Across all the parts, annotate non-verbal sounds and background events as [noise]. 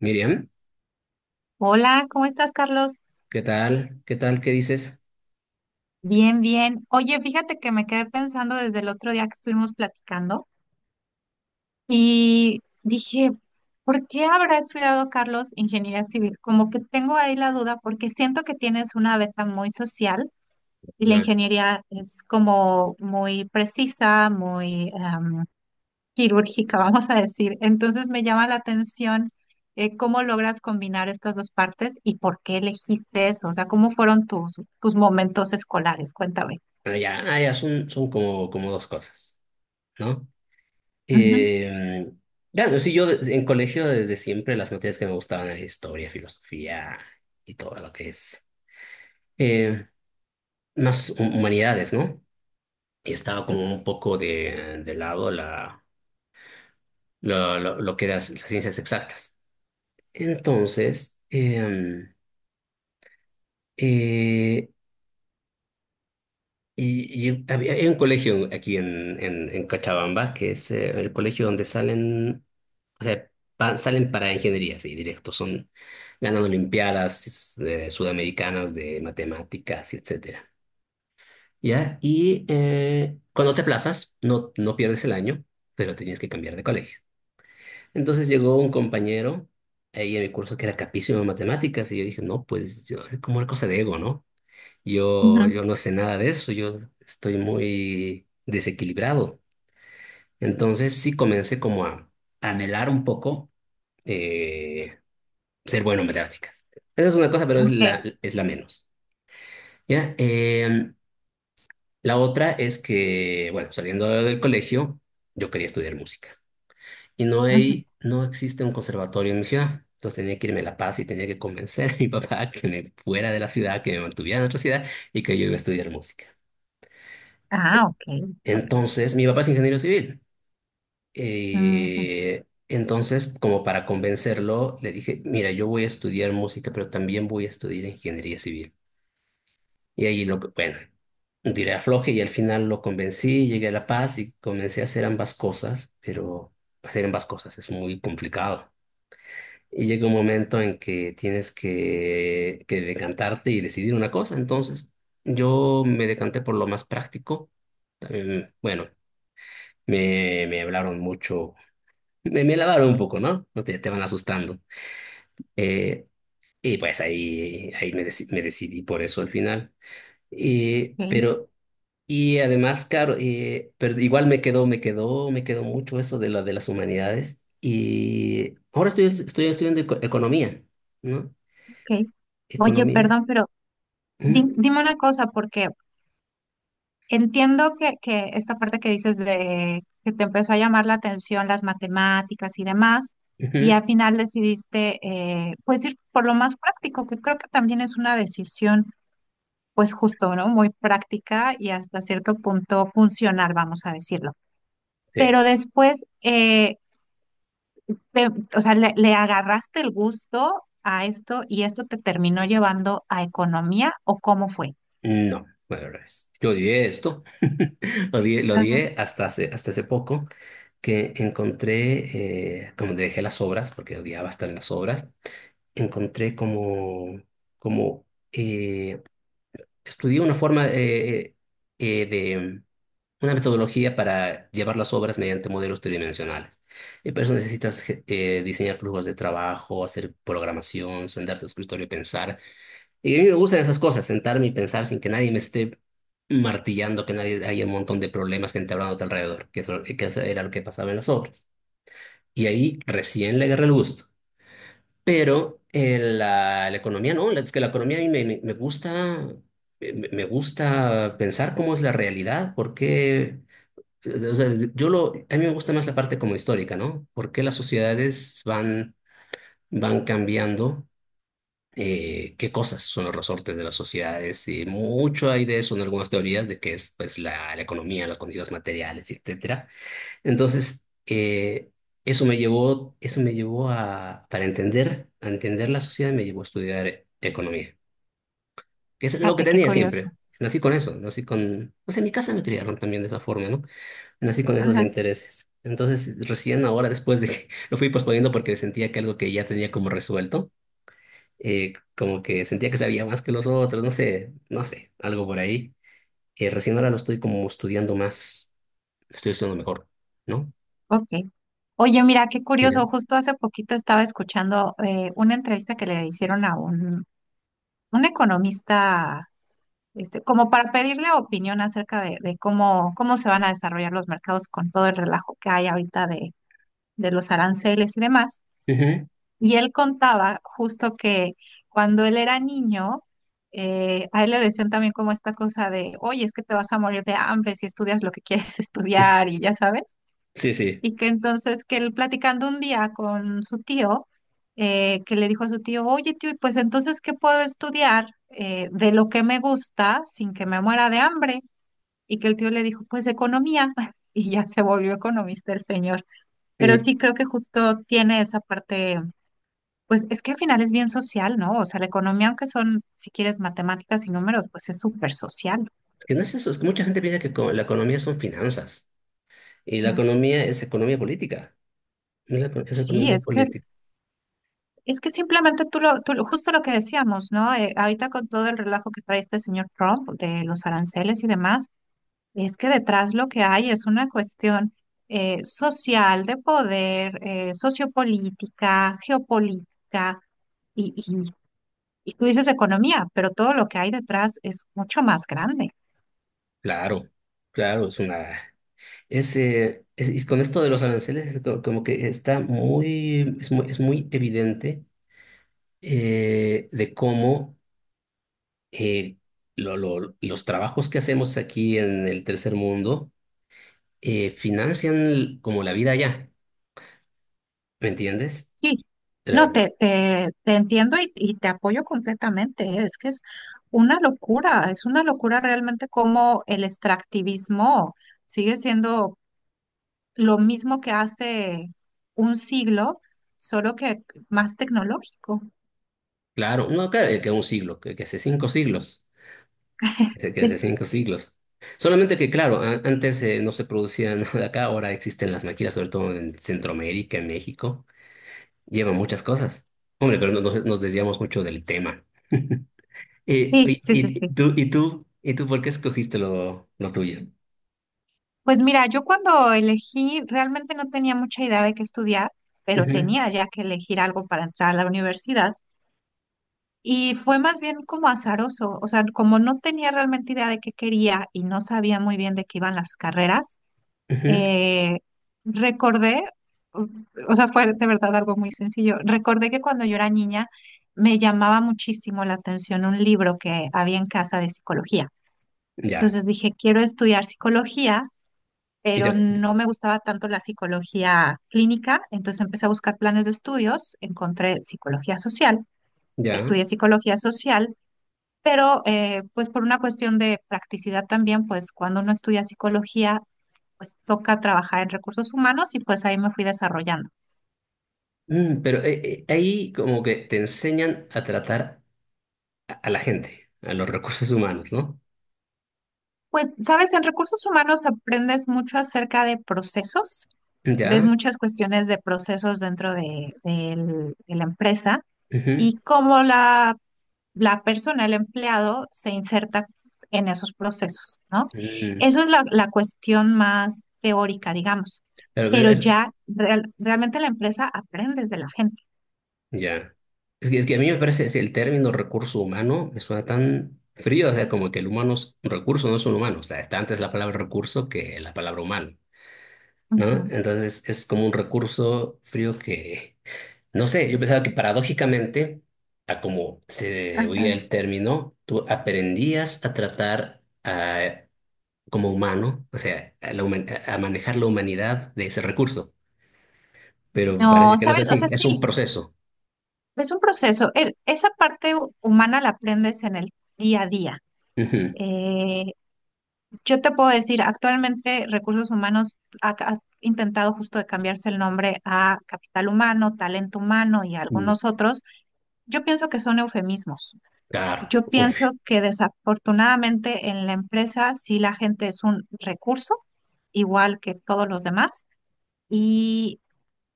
Miriam, Hola, ¿cómo estás, Carlos? ¿qué tal? ¿Qué tal? ¿Qué dices? Bien, bien. Oye, fíjate que me quedé pensando desde el otro día que estuvimos platicando y dije, ¿por qué habrá estudiado Carlos ingeniería civil? Como que tengo ahí la duda porque siento que tienes una beta muy social y la ingeniería es como muy precisa, quirúrgica, [laughs] vamos a decir. Entonces me llama la atención cómo logras combinar estas dos partes y por qué elegiste eso. O sea, ¿cómo fueron tus momentos escolares? Cuéntame. Bueno, ya, ya son, son como dos cosas, ¿no? Ujú. Eh, claro, sí, yo en colegio desde siempre las materias que me gustaban eran historia, filosofía y todo lo que es eh, más humanidades, ¿no? Y estaba Sí. como un poco de lado lo que eran las ciencias exactas. Entonces, eh, hay un colegio aquí en Cochabamba, que es el colegio donde salen, o sea, salen para ingeniería, sí, directo. Son ganando olimpiadas sudamericanas de matemáticas, y etcétera. ¿Ya? Y cuando te aplazas, no, no pierdes el año, pero tenías que cambiar de colegio. Entonces llegó un compañero ahí en mi curso que era capísimo en matemáticas y yo dije, no, pues yo, como una cosa de ego, ¿no? Yo, Ujú. yo no sé nada de eso, yo estoy muy desequilibrado. Entonces sí comencé como a anhelar un poco eh, ser bueno en matemáticas. Esa es una cosa, pero es Ok. La menos. ¿Ya? La otra es que, bueno, saliendo del colegio, yo quería estudiar música. Y no Ujú. hay, no existe un conservatorio en mi ciudad. Entonces tenía que irme a La Paz y tenía que convencer a mi papá que me fuera de la ciudad, que me mantuviera en otra ciudad y que yo iba a estudiar música. Ah, ok. Ok. Entonces, mi papá es ingeniero civil. Ujú. Entonces, como para convencerlo, le dije, mira, yo voy a estudiar música, pero también voy a estudiar ingeniería civil. Y ahí lo, bueno, tiré afloje y al final lo convencí, llegué a La Paz y comencé a hacer ambas cosas, pero hacer ambas cosas es muy complicado. Y llega un momento en que tienes que decantarte y decidir una cosa. Entonces, yo me decanté por lo más práctico. También, bueno, me hablaron mucho. Me lavaron un poco, ¿no? No te van asustando. Eh, y pues ahí, ahí me decidí por eso al final. Y, Ok, pero, y además, claro, pero igual me quedó mucho eso de la, de las humanidades. Y ahora estoy estudiando economía, ¿no? ok. Oye, Economía. perdón, pero ¿Mm? dime una cosa, porque entiendo que esta parte que dices de que te empezó a llamar la atención las matemáticas y demás, y Ujú. al final decidiste pues ir por lo más práctico, que creo que también es una decisión pues justo, ¿no? Muy práctica y hasta cierto punto funcional, vamos a decirlo. Sí. Pero después, te- o sea, le agarraste el gusto a esto y ¿esto te terminó llevando a economía o cómo fue? No, bueno, al revés. Yo odié esto. [laughs] Lo Ajá. odié hasta hace poco. Que encontré, como te dejé las obras, porque odiaba estar en las obras, encontré como, como eh, estudié una forma de una metodología para llevar las obras mediante modelos tridimensionales. Y para eso necesitas diseñar flujos de trabajo, hacer programación, sentarte al escritorio y pensar. Y a mí me gustan esas cosas, sentarme y pensar sin que nadie me esté martillando, que nadie haya un montón de problemas, gente hablando a tu alrededor, que eso era lo que pasaba en las obras. Y ahí recién le agarré el gusto. Pero la economía no, es que la economía a mí me gusta, me gusta pensar cómo es la realidad, por qué, o sea, a mí me gusta más la parte como histórica, ¿no? ¿Por qué las sociedades van cambiando? ¿Qué cosas son los resortes de las sociedades? Y mucho hay de eso en algunas teorías de que es pues la economía, las condiciones materiales, etcétera. Entonces, eso me llevó a, para entender, a entender la sociedad, me llevó a estudiar economía, que es lo que Fíjate, qué tenía curioso. siempre. Nací con eso, nací con, o sea, en mi casa me criaron también de esa forma, ¿no? Nací con esos intereses. Entonces, recién ahora, después de que [laughs] lo fui posponiendo porque sentía que algo que ya tenía como resuelto, como que sentía que sabía más que los otros, no sé, no sé, algo por ahí. Recién ahora lo estoy como estudiando más, estoy estudiando mejor, ¿no? Ok. Oye, mira, qué Mira. curioso. Justo hace poquito estaba escuchando una entrevista que le hicieron a un economista, este, como para pedirle opinión acerca de cómo, cómo se van a desarrollar los mercados con todo el relajo que hay ahorita de los aranceles y demás. Y él contaba justo que cuando él era niño, a él le decían también como esta cosa de, oye, es que te vas a morir de hambre si estudias lo que quieres [laughs] Ujú, estudiar y ya sabes. sí, sí. Y que entonces que él platicando un día con su tío, que le dijo a su tío, oye tío, pues entonces ¿qué puedo estudiar de lo que me gusta sin que me muera de hambre? Y que el tío le dijo, pues economía. [laughs] Y ya se volvió economista el señor. Pero Y sí creo que justo tiene esa parte, pues es que al final es bien social, ¿no? O sea, la economía, aunque son, si quieres, matemáticas y números, pues es súper social. es que no es eso, es que mucha gente piensa que la economía son finanzas y la Ujú. economía es economía política. No es, la es Sí, economía es que política. es que simplemente justo lo que decíamos, ¿no? Ahorita con todo el relajo que trae este señor Trump de los aranceles y demás, es que detrás lo que hay es una cuestión social, de poder, sociopolítica, geopolítica, y, y, y tú dices economía, pero todo lo que hay detrás es mucho más grande. Claro, claro, es una... Es, y con esto de los aranceles es como que está muy, es muy, es muy evidente de cómo eh, los trabajos que hacemos aquí en el tercer mundo financian como la vida allá, ¿me entiendes? Sí, Eh, no, te entiendo y te apoyo completamente, ¿eh? Es que es una locura realmente como el extractivismo sigue siendo lo mismo que hace un siglo, solo que más tecnológico. Claro, no, claro, que un siglo, que hace cinco siglos, que hace Sí. cinco siglos. Solamente que, claro, antes no se producía [laughs] nada acá, ahora existen las máquinas, sobre todo en Centroamérica, en México, llevan muchas cosas. Hombre, pero nos desviamos mucho del tema. [laughs] Sí, Oye, sí, sí, y, y sí. tú, y tú, y tú, ¿por qué escogiste lo tuyo? Pues mira, yo cuando elegí realmente no tenía mucha idea de qué estudiar, pero Ujú, tenía ya que elegir algo para entrar a la universidad. Y fue más bien como azaroso, o sea, como no tenía realmente idea de qué quería y no sabía muy bien de qué iban las carreras, ujú, eh, recordé, o o sea, fue de verdad algo muy sencillo, recordé que cuando yo era niña me llamaba muchísimo la atención un libro que había en casa de psicología. ya, Entonces dije, quiero estudiar psicología, y pero te- no me gustaba tanto la psicología clínica, entonces empecé a buscar planes de estudios, encontré psicología social, ya. estudié psicología social pero pues por una cuestión de practicidad también, pues cuando uno estudia psicología, pues toca trabajar en recursos humanos y pues ahí me fui desarrollando. Mm, pero ahí como que te enseñan a tratar a la gente, a los recursos humanos, ¿no? Pues, sabes, en recursos humanos aprendes mucho acerca de procesos, ves Ya. muchas cuestiones de procesos de la empresa Ujú, y cómo la persona, el empleado, se inserta en esos procesos, ¿no? ujú. Eso es la cuestión más teórica, digamos, Claro, pero pero es, ya realmente la empresa aprendes de la gente. ya. Es que a mí me parece, es el término recurso humano, me suena tan frío, o sea, como que el humano es un recurso, no es un humano, o sea, está antes la palabra recurso que la palabra humano, ¿no? Ujú. Entonces es como un recurso frío que, no sé, yo pensaba que paradójicamente, a como se Ajá. oía el término, tú aprendías a tratar a, como humano, o sea, a, a manejar la humanidad de ese recurso, pero parece No, que no es sabes, o así, sea, es un sí, proceso. es un proceso. Esa parte humana la aprendes en el día a día. Ujú, Eh, Yo te puedo decir, actualmente Recursos Humanos ha, ha intentado justo de cambiarse el nombre a Capital Humano, Talento Humano y mm, algunos otros. Yo pienso que son eufemismos. claro, Yo obvio, pienso que desafortunadamente en la empresa sí la gente es un recurso, igual que todos los demás, y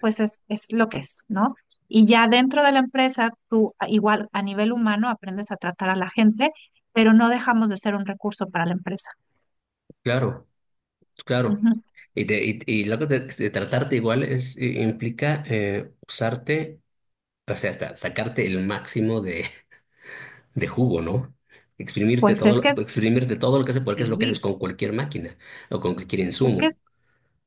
pues es lo que es, ¿no? Y ya dentro de la empresa, tú igual a nivel humano aprendes a tratar a la gente, pero no dejamos de ser un recurso para la empresa. claro, claro. Ujú. Y, y lo que de tratarte igual es, implica usarte, o sea, hasta sacarte el máximo de jugo, ¿no? Exprimirte Pues todo, es que exprimirte todo lo que haces, porque es lo que haces sí, con cualquier máquina o con cualquier es que insumo,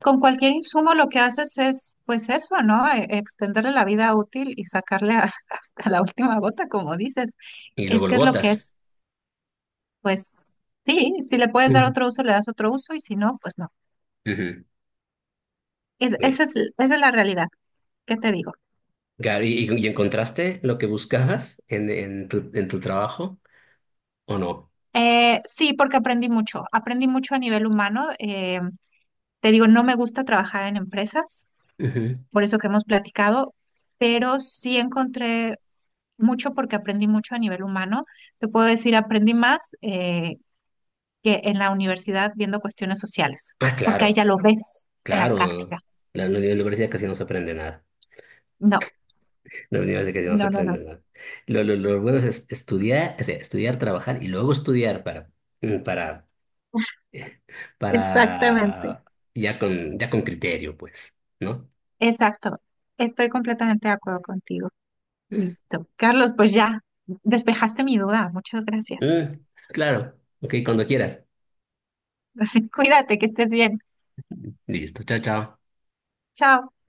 con cualquier insumo lo que haces es, pues eso, ¿no? E- extenderle la vida útil y [laughs] hasta la última gota, como dices. y Es luego lo que es lo que botas. es, pues sí, si le puedes dar Ujú. otro uso, le das otro uso y si no, pues no. Ujú, bien. Esa es, esa es la realidad, ¿qué te digo? Claro, y encontraste lo que buscabas en tu trabajo o no? Sí, porque aprendí mucho a nivel humano. Te digo, no me gusta trabajar en empresas, Ujú. por eso que hemos platicado, pero sí encontré mucho porque aprendí mucho a nivel humano. Te puedo decir, aprendí más que en la universidad viendo cuestiones sociales, Ah, porque ahí claro. ya lo ves en la Claro, práctica. La universidad casi no se aprende nada. No, La universidad casi no se no, no, no. aprende nada. Lo bueno es estudiar, o sea, estudiar, trabajar y luego estudiar para, mm, Exactamente. para, ya con criterio, pues, ¿no? Exacto. Estoy completamente de acuerdo contigo. Listo. Carlos, pues ya despejaste mi duda. Muchas gracias. Mm, claro, ok, cuando quieras. [laughs] Cuídate, que estés bien. Listo, chao, chao. Chao.